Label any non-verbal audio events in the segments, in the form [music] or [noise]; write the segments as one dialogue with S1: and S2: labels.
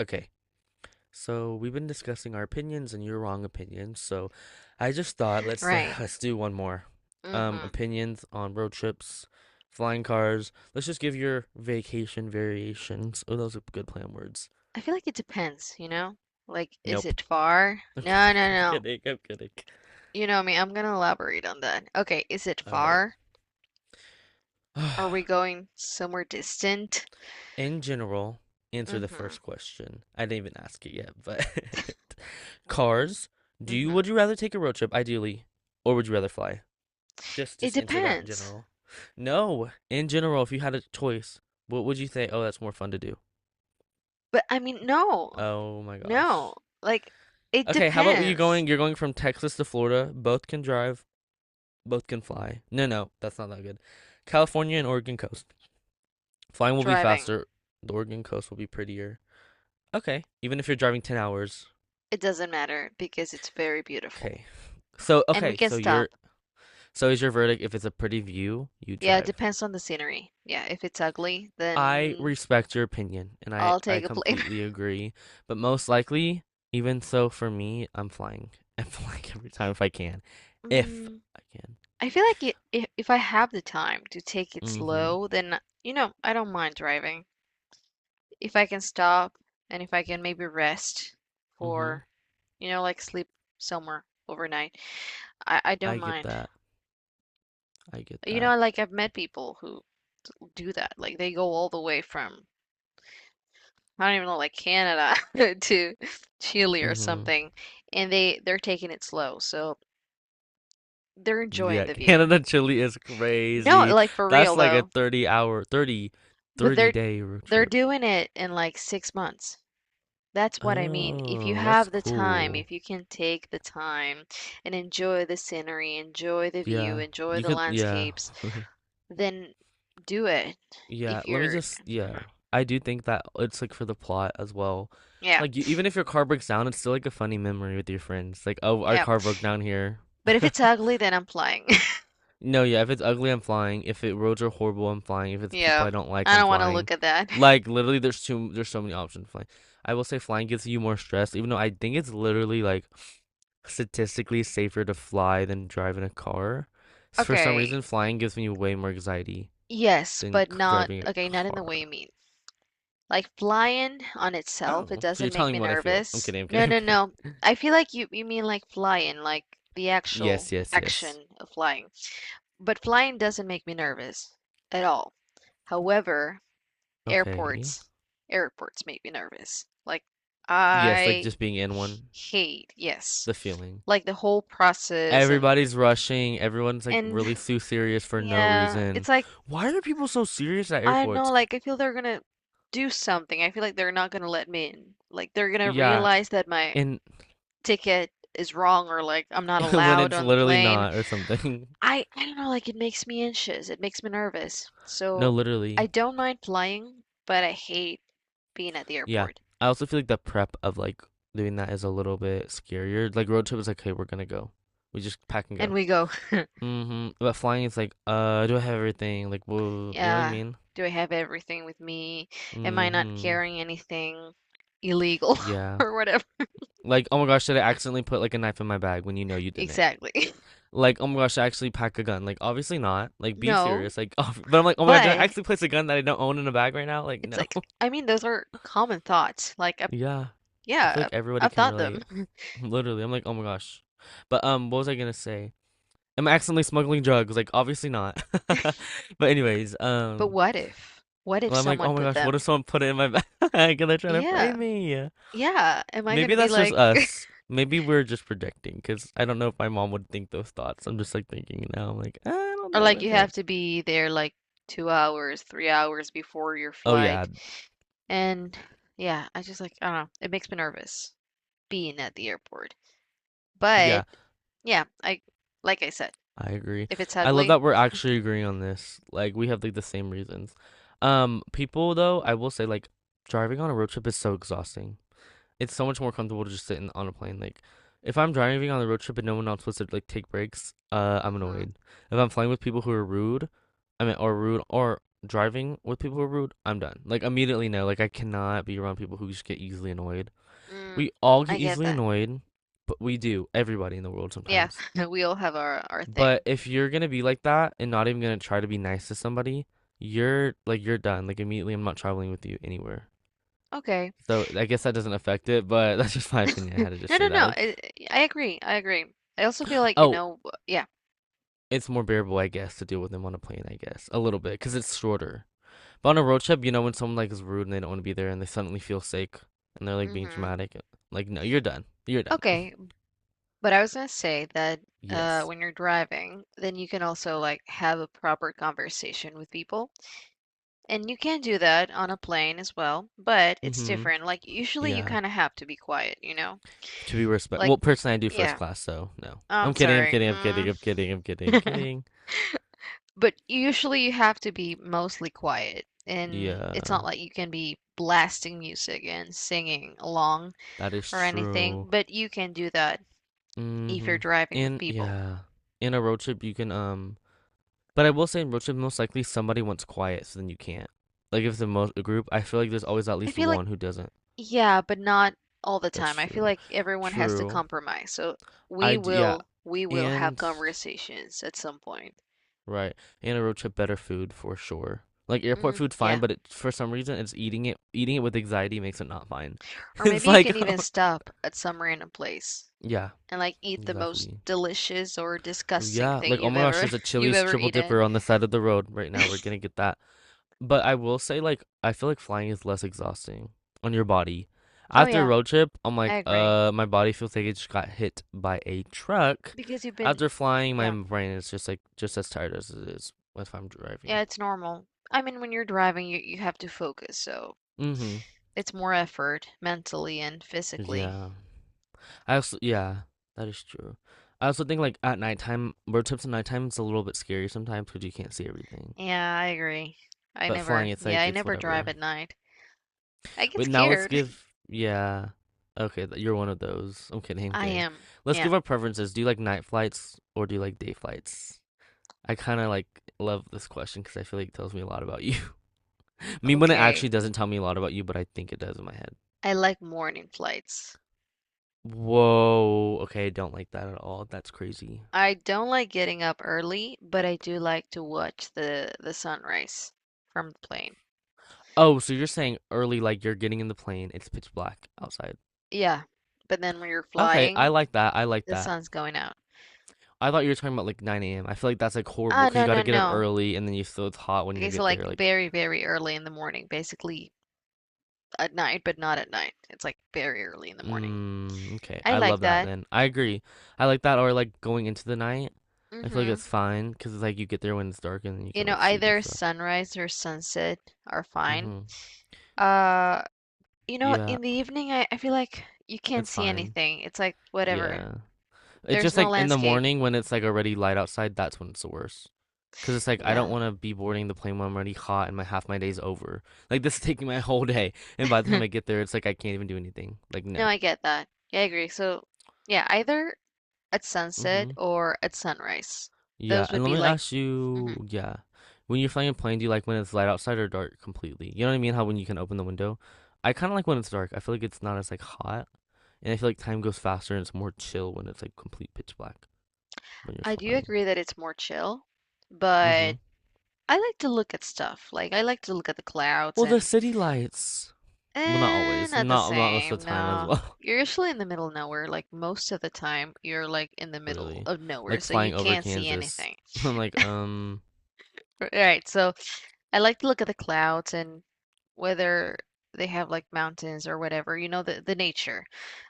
S1: Okay, so we've been discussing our opinions and your wrong opinions. So I just thought let's
S2: Right.
S1: [laughs] let's do one more. Um,
S2: Mhm.
S1: opinions on road trips, flying cars. Let's just give your vacation variations. Oh, those are good plan words.
S2: I feel like it depends, you know? Like, is
S1: Nope.
S2: it far?
S1: [laughs] I'm
S2: No,
S1: kidding.
S2: no,
S1: I'm
S2: no.
S1: kidding. I'm kidding.
S2: You know me, I'm gonna elaborate on that. Okay, is it
S1: All right.
S2: far? Are we
S1: [sighs]
S2: going somewhere distant?
S1: In general, answer the
S2: Mhm.
S1: first question. I didn't even ask it yet, but [laughs] cars. Do you
S2: Mhm.
S1: would you rather take a road trip, ideally, or would you rather fly? Just
S2: It
S1: just answer that in
S2: depends.
S1: general. No, in general, if you had a choice, what would you say? Oh, that's more fun to do.
S2: But I mean, no.
S1: Oh my
S2: No.
S1: gosh.
S2: Like, it
S1: Okay, how about you
S2: depends.
S1: going? You're going from Texas to Florida. Both can drive. Both can fly. No, no, that's not that good. California and Oregon coast. Flying will be
S2: Driving.
S1: faster. The Oregon coast will be prettier. Okay, even if you're driving 10 hours.
S2: It doesn't matter because it's very beautiful.
S1: Okay. So
S2: And we
S1: okay,
S2: can stop.
S1: so is your verdict if it's a pretty view, you
S2: Yeah, it
S1: drive.
S2: depends on the scenery. Yeah, if it's ugly,
S1: I
S2: then
S1: respect your opinion and I
S2: I'll
S1: I
S2: take a plane.
S1: completely agree, but most likely, even so for me, I'm flying. [laughs] I'm flying every time if I can. If I can.
S2: [laughs] I feel like it, if I have the time to take it
S1: Mhm.
S2: slow, then you know, I don't mind driving. If I can stop and if I can maybe rest
S1: Mhm.
S2: for, you know, like sleep somewhere overnight, I
S1: I
S2: don't
S1: get
S2: mind.
S1: that. I get
S2: You
S1: that.
S2: know, like I've met people who do that. Like they go all the way from I don't even know, like Canada [laughs] to Chile or
S1: Mhm.
S2: something, and they're taking it slow, so they're enjoying
S1: Yeah, [laughs]
S2: the view.
S1: Canada Chile is
S2: No,
S1: crazy.
S2: like for real
S1: That's like a
S2: though,
S1: 30 hour thirty,
S2: but
S1: thirty
S2: they're
S1: day road
S2: they're
S1: trip.
S2: doing it in like 6 months. That's what I mean. If you
S1: Oh, that's
S2: have the time,
S1: cool.
S2: if you can take the time and enjoy the scenery, enjoy the view,
S1: Yeah.
S2: enjoy
S1: You
S2: the
S1: could yeah.
S2: landscapes,
S1: [laughs]
S2: then do it.
S1: Yeah,
S2: If
S1: let me
S2: you're,
S1: just yeah.
S2: mhm,
S1: I do think that it's like for the plot as well.
S2: yeah,
S1: Like you, even if your car breaks down, it's still like a funny memory with your friends. Like, oh, our
S2: yeah.
S1: car broke down here.
S2: But if
S1: [laughs]
S2: it's ugly, then I'm flying. [laughs]
S1: No, yeah, if it's ugly, I'm flying. If it roads are horrible, I'm flying. If it's
S2: Yeah,
S1: people I don't like,
S2: I
S1: I'm
S2: don't want to
S1: flying.
S2: look at that. [laughs]
S1: Like literally there's so many options flying. I will say flying gets you more stress, even though I think it's literally like statistically safer to fly than drive in a car. For some
S2: Okay,
S1: reason, flying gives me way more anxiety
S2: yes,
S1: than
S2: but not,
S1: driving a
S2: okay, not in the
S1: car.
S2: way you mean. Like flying on itself, it
S1: Oh, so
S2: doesn't
S1: you're
S2: make
S1: telling
S2: me
S1: me what I feel. I'm
S2: nervous.
S1: kidding, I'm
S2: No,
S1: kidding, I'm
S2: no,
S1: kidding.
S2: no. I feel like you mean like flying, like the actual
S1: Yes, yes, yes.
S2: action of flying. But flying doesn't make me nervous at all. However,
S1: Okay.
S2: airports airports make me nervous. Like
S1: Yes, like
S2: I
S1: just being in one,
S2: hate, yes.
S1: the feeling.
S2: Like the whole process
S1: Everybody's rushing, everyone's like
S2: and
S1: really too
S2: [laughs]
S1: serious for no
S2: yeah,
S1: reason.
S2: it's like
S1: Why are people so serious at
S2: I don't know,
S1: airports?
S2: like I feel they're gonna do something. I feel like they're not gonna let me in. Like they're gonna
S1: Yeah,
S2: realize that my
S1: and
S2: ticket is wrong or like I'm not
S1: [laughs] when
S2: allowed
S1: it's
S2: on the
S1: literally
S2: plane.
S1: not or something. [laughs]
S2: I don't know, like, it makes me anxious, it makes me nervous.
S1: No,
S2: So
S1: literally.
S2: I don't mind flying, but I hate being at the
S1: Yeah.
S2: airport.
S1: I also feel like the prep of like doing that is a little bit scarier. Like road trip is like, hey, we're gonna go. We just pack and
S2: And
S1: go.
S2: we go. [laughs]
S1: Mm-hmm. But flying, it's like, do I have everything? Like, well, you know what I
S2: Yeah,
S1: mean?
S2: do I have everything with me? Am I not
S1: Mm-hmm.
S2: carrying anything illegal [laughs]
S1: Yeah.
S2: or whatever?
S1: Like, oh my gosh, did I accidentally put like a knife in my bag when you know you didn't?
S2: Exactly. [laughs]
S1: Like, oh my gosh, I actually pack a gun. Like, obviously not. Like, be
S2: No,
S1: serious. Like, [laughs] oh, but I'm like, oh my god, did I
S2: but
S1: actually place a gun that I don't own in a bag right now? Like,
S2: it's
S1: no.
S2: like,
S1: [laughs]
S2: I mean, those are common thoughts. Like, I,
S1: Yeah. I feel
S2: yeah,
S1: like everybody
S2: I've
S1: can
S2: thought
S1: relate.
S2: them.
S1: [laughs] Literally, I'm like, oh my gosh. But what was I gonna say? Am I accidentally smuggling drugs? Like, obviously not. [laughs] But anyways,
S2: [laughs] But what if? What if
S1: well, I'm like,
S2: someone
S1: oh my
S2: put
S1: gosh, what if
S2: them?
S1: someone put it in my [laughs] bag and they're trying to
S2: Yeah,
S1: frame me?
S2: yeah. Am I
S1: Maybe
S2: gonna be
S1: that's just
S2: like? [laughs]
S1: us. Maybe we're just projecting, because I don't know if my mom would think those thoughts. I'm just like thinking now, I'm like, I don't
S2: Or
S1: know,
S2: like
S1: my
S2: you have to
S1: parents.
S2: be there like 2 hours, 3 hours before your
S1: Oh yeah,
S2: flight. And yeah, I just like, I don't know, it makes me nervous being at the airport. But
S1: yeah,
S2: yeah, I like I said,
S1: I agree.
S2: if it's
S1: I love
S2: ugly,
S1: that we're actually agreeing on this. Like we have like the same reasons. People though, I will say like driving on a road trip is so exhausting. It's so much more comfortable to just sit on a plane. Like, if I'm driving on the road trip and no one else wants to like take breaks, I'm
S2: hmm,
S1: annoyed. If I'm flying with people who are rude, I mean, or rude, or driving with people who are rude, I'm done. Like immediately, no. Like I cannot be around people who just get easily annoyed.
S2: mm,
S1: We all
S2: I
S1: get
S2: get
S1: easily
S2: that.
S1: annoyed, but we do. Everybody in the world
S2: Yeah,
S1: sometimes.
S2: [laughs] we all have our
S1: But
S2: thing.
S1: if you're gonna be like that and not even gonna try to be nice to somebody, you're done. Like immediately, I'm not traveling with you anywhere.
S2: Okay.
S1: So I guess that doesn't affect it, but [laughs] that's just my opinion. I
S2: [laughs]
S1: had to just
S2: No,
S1: say
S2: no,
S1: that.
S2: no.
S1: Like
S2: I agree. I agree. I also feel like, you
S1: Oh,
S2: know, w- yeah.
S1: it's more bearable, I guess, to deal with them on a plane, I guess. A little bit, because it's shorter. But on a road trip, you know, when someone like is rude and they don't want to be there and they suddenly feel sick and they're like being
S2: Hmm.
S1: dramatic, like, no, you're done. You're done. [laughs]
S2: Okay, but I was gonna say that
S1: Yes.
S2: when you're driving, then you can also like have a proper conversation with people. And you can do that on a plane as well, but it's
S1: Mm-hmm.
S2: different. Like usually you
S1: Yeah.
S2: kind of have to be quiet, you know?
S1: To be respect.
S2: Like
S1: Well, personally, I do first
S2: yeah,
S1: class, so no.
S2: I'm
S1: I'm kidding. I'm
S2: sorry.
S1: kidding. I'm kidding.
S2: Mm.
S1: I'm kidding. I'm kidding. I'm
S2: [laughs]
S1: kidding.
S2: But usually you have to be mostly quiet, and it's not
S1: Yeah,
S2: like you can be blasting music and singing along,
S1: that is
S2: or anything,
S1: true.
S2: but you can do that if you're
S1: Mm-hmm.
S2: driving with
S1: And
S2: people.
S1: yeah, in a road trip, you can, but I will say in road trip, most likely somebody wants quiet, so then you can't. Like if the most a group, I feel like there's always at
S2: I
S1: least
S2: feel like,
S1: one who doesn't.
S2: yeah, but not all the
S1: That's
S2: time. I feel
S1: true.
S2: like everyone has to
S1: True.
S2: compromise. So we
S1: I d Yeah,
S2: will we will have
S1: and
S2: conversations at some point.
S1: right, and a road trip better food for sure. Like airport
S2: Mm,
S1: food, fine,
S2: yeah.
S1: but for some reason, it's eating it with anxiety makes it not fine. [laughs]
S2: Or
S1: It's
S2: maybe you can
S1: like, [laughs] oh
S2: even
S1: my God.
S2: stop at some random place
S1: Yeah,
S2: and like eat the most
S1: exactly.
S2: delicious or disgusting
S1: Yeah,
S2: thing
S1: like oh
S2: you've
S1: my gosh,
S2: ever
S1: there's a
S2: [laughs] you've
S1: Chili's
S2: ever
S1: triple
S2: eaten.
S1: dipper on the side of the road right now. We're gonna get that. But I will say, like, I feel like flying is less exhausting on your body.
S2: Oh
S1: After a
S2: yeah,
S1: road trip, I'm
S2: I
S1: like,
S2: agree.
S1: my body feels like it just got hit by a truck.
S2: Because you've been
S1: After flying, my
S2: yeah,
S1: brain is just like just as tired as it is if I'm
S2: yeah,
S1: driving.
S2: it's normal. I mean, when you're driving, you have to focus, so
S1: Mm-hmm.
S2: it's more effort mentally and physically.
S1: Yeah. I also yeah, that is true. I also think like at nighttime, road trips at nighttime it's a little bit scary sometimes because you can't see everything.
S2: Yeah, I agree. I
S1: But flying,
S2: never,
S1: it's
S2: yeah,
S1: like
S2: I
S1: it's
S2: never drive
S1: whatever.
S2: at night. I get
S1: Wait, now let's
S2: scared.
S1: give. Yeah. Okay, you're one of those. I'm kidding,
S2: [laughs]
S1: I'm
S2: I
S1: kidding.
S2: am,
S1: Let's
S2: yeah,
S1: give our preferences. Do you like night flights or do you like day flights? I kind of like love this question because I feel like it tells me a lot about you. [laughs] I mean, when it
S2: okay.
S1: actually doesn't tell me a lot about you, but I think it does in my head.
S2: I like morning flights.
S1: Whoa. Okay, I don't like that at all. That's crazy.
S2: I don't like getting up early, but I do like to watch the sunrise from the plane.
S1: Oh, so you're saying early, like you're getting in the plane, it's pitch black outside.
S2: Yeah, but then when you're
S1: Okay, I
S2: flying,
S1: like that. I like
S2: the
S1: that.
S2: sun's going out.
S1: I thought you were talking about like 9 a.m. I feel like that's like horrible
S2: Ah,
S1: because you
S2: no,
S1: got
S2: no,
S1: to get up
S2: no.
S1: early and then you still it's hot when you
S2: Okay, so
S1: get
S2: like
S1: there. Like,
S2: very, very early in the morning, basically at night, but not at night. It's like very early in the morning.
S1: Okay.
S2: I
S1: I
S2: like
S1: love that
S2: that.
S1: then. I agree. I like that or like going into the night. I feel like
S2: Mm-hmm.
S1: it's fine because it's like you get there when it's dark and then you
S2: You
S1: can
S2: know,
S1: like sleep and
S2: either
S1: stuff.
S2: sunrise or sunset are fine.
S1: Mm-hmm.
S2: Uh, you know,
S1: Yeah,
S2: in the evening, I feel like you can't
S1: it's
S2: see
S1: fine.
S2: anything. It's like whatever.
S1: Yeah. It's
S2: There's
S1: just
S2: no
S1: like in the
S2: landscape.
S1: morning when it's like already light outside, that's when it's the worst. Because it's like I don't
S2: Yeah.
S1: want to be boarding the plane when I'm already hot and my half my day's over. Like this is [laughs] taking my whole day, and by the time I
S2: [laughs]
S1: get there, it's like I can't even do anything. Like
S2: No,
S1: no.
S2: I get that. Yeah, I agree. So, yeah, either at sunset
S1: Mm-hmm.
S2: or at sunrise.
S1: Yeah,
S2: Those
S1: and
S2: would
S1: let
S2: be
S1: me
S2: like,
S1: ask
S2: mhm.
S1: you, yeah, when you're flying a plane, do you like when it's light outside or dark completely? You know what I mean? How when you can open the window? I kind of like when it's dark. I feel like it's not as like hot, and I feel like time goes faster and it's more chill when it's like complete pitch black when you're
S2: I do
S1: flying.
S2: agree that it's more chill,
S1: Mm-hmm.
S2: but I like to look at stuff. Like, I like to look at the clouds
S1: Well, the
S2: and
S1: city lights. Well, not
S2: eh,
S1: always.
S2: not the
S1: Not most of
S2: same,
S1: the time as
S2: no.
S1: well.
S2: You're usually in the middle of nowhere. Like most of the time, you're like in the
S1: [laughs]
S2: middle
S1: Literally,
S2: of nowhere,
S1: like
S2: so you
S1: flying over
S2: can't see
S1: Kansas.
S2: anything.
S1: [laughs] I'm like,
S2: R- Right, so I like to look at the clouds and whether they have like mountains or whatever, you know, the nature.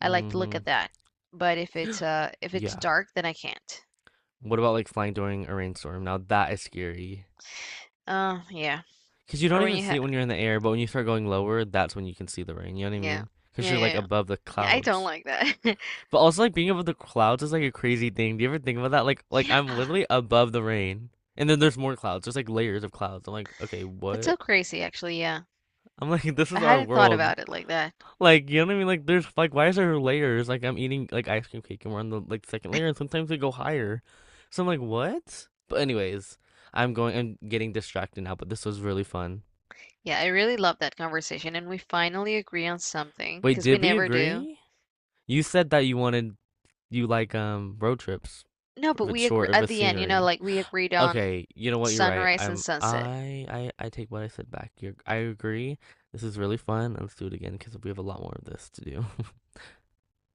S2: I like to look
S1: mm-hmm.
S2: at that. But if it's
S1: Yeah.
S2: dark, then I can't.
S1: What about like flying during a rainstorm? Now that is scary.
S2: Oh yeah.
S1: Because you
S2: Or
S1: don't
S2: when
S1: even
S2: you
S1: see
S2: have
S1: it when you're in the air, but when you start going lower, that's when you can see the rain. You know what I
S2: yeah.
S1: mean? Because
S2: Yeah,
S1: you're
S2: yeah,
S1: like
S2: yeah.
S1: above the
S2: Yeah, I don't
S1: clouds.
S2: like that. [laughs]
S1: But also like being above the clouds is like a crazy thing. Do you ever think about that? Like I'm
S2: Yeah.
S1: literally above the rain, and then there's more clouds. There's like layers of clouds. I'm like, okay,
S2: That's so
S1: what?
S2: crazy actually, yeah.
S1: I'm like, [laughs] this
S2: I
S1: is our
S2: hadn't thought
S1: world.
S2: about it like that.
S1: Like, you know what I mean? Like, there's like, why is there layers? Like, I'm eating like ice cream cake, and we're on the like second layer, and sometimes they go higher. So I'm like, what? But anyways, I'm going. I'm getting distracted now. But this was really fun.
S2: Yeah, I really love that conversation, and we finally agree on something
S1: Wait,
S2: because we
S1: did we
S2: never do.
S1: agree? You said that you like road trips
S2: No, but
S1: if it's
S2: we agree
S1: short, if
S2: at
S1: it's
S2: the end, you know,
S1: scenery.
S2: like we agreed on
S1: Okay, you know what? You're right.
S2: sunrise and
S1: I'm
S2: sunset.
S1: I I I take what I said back. You're I agree. This is really fun. Let's do it again because we have a lot more of this to do. [laughs]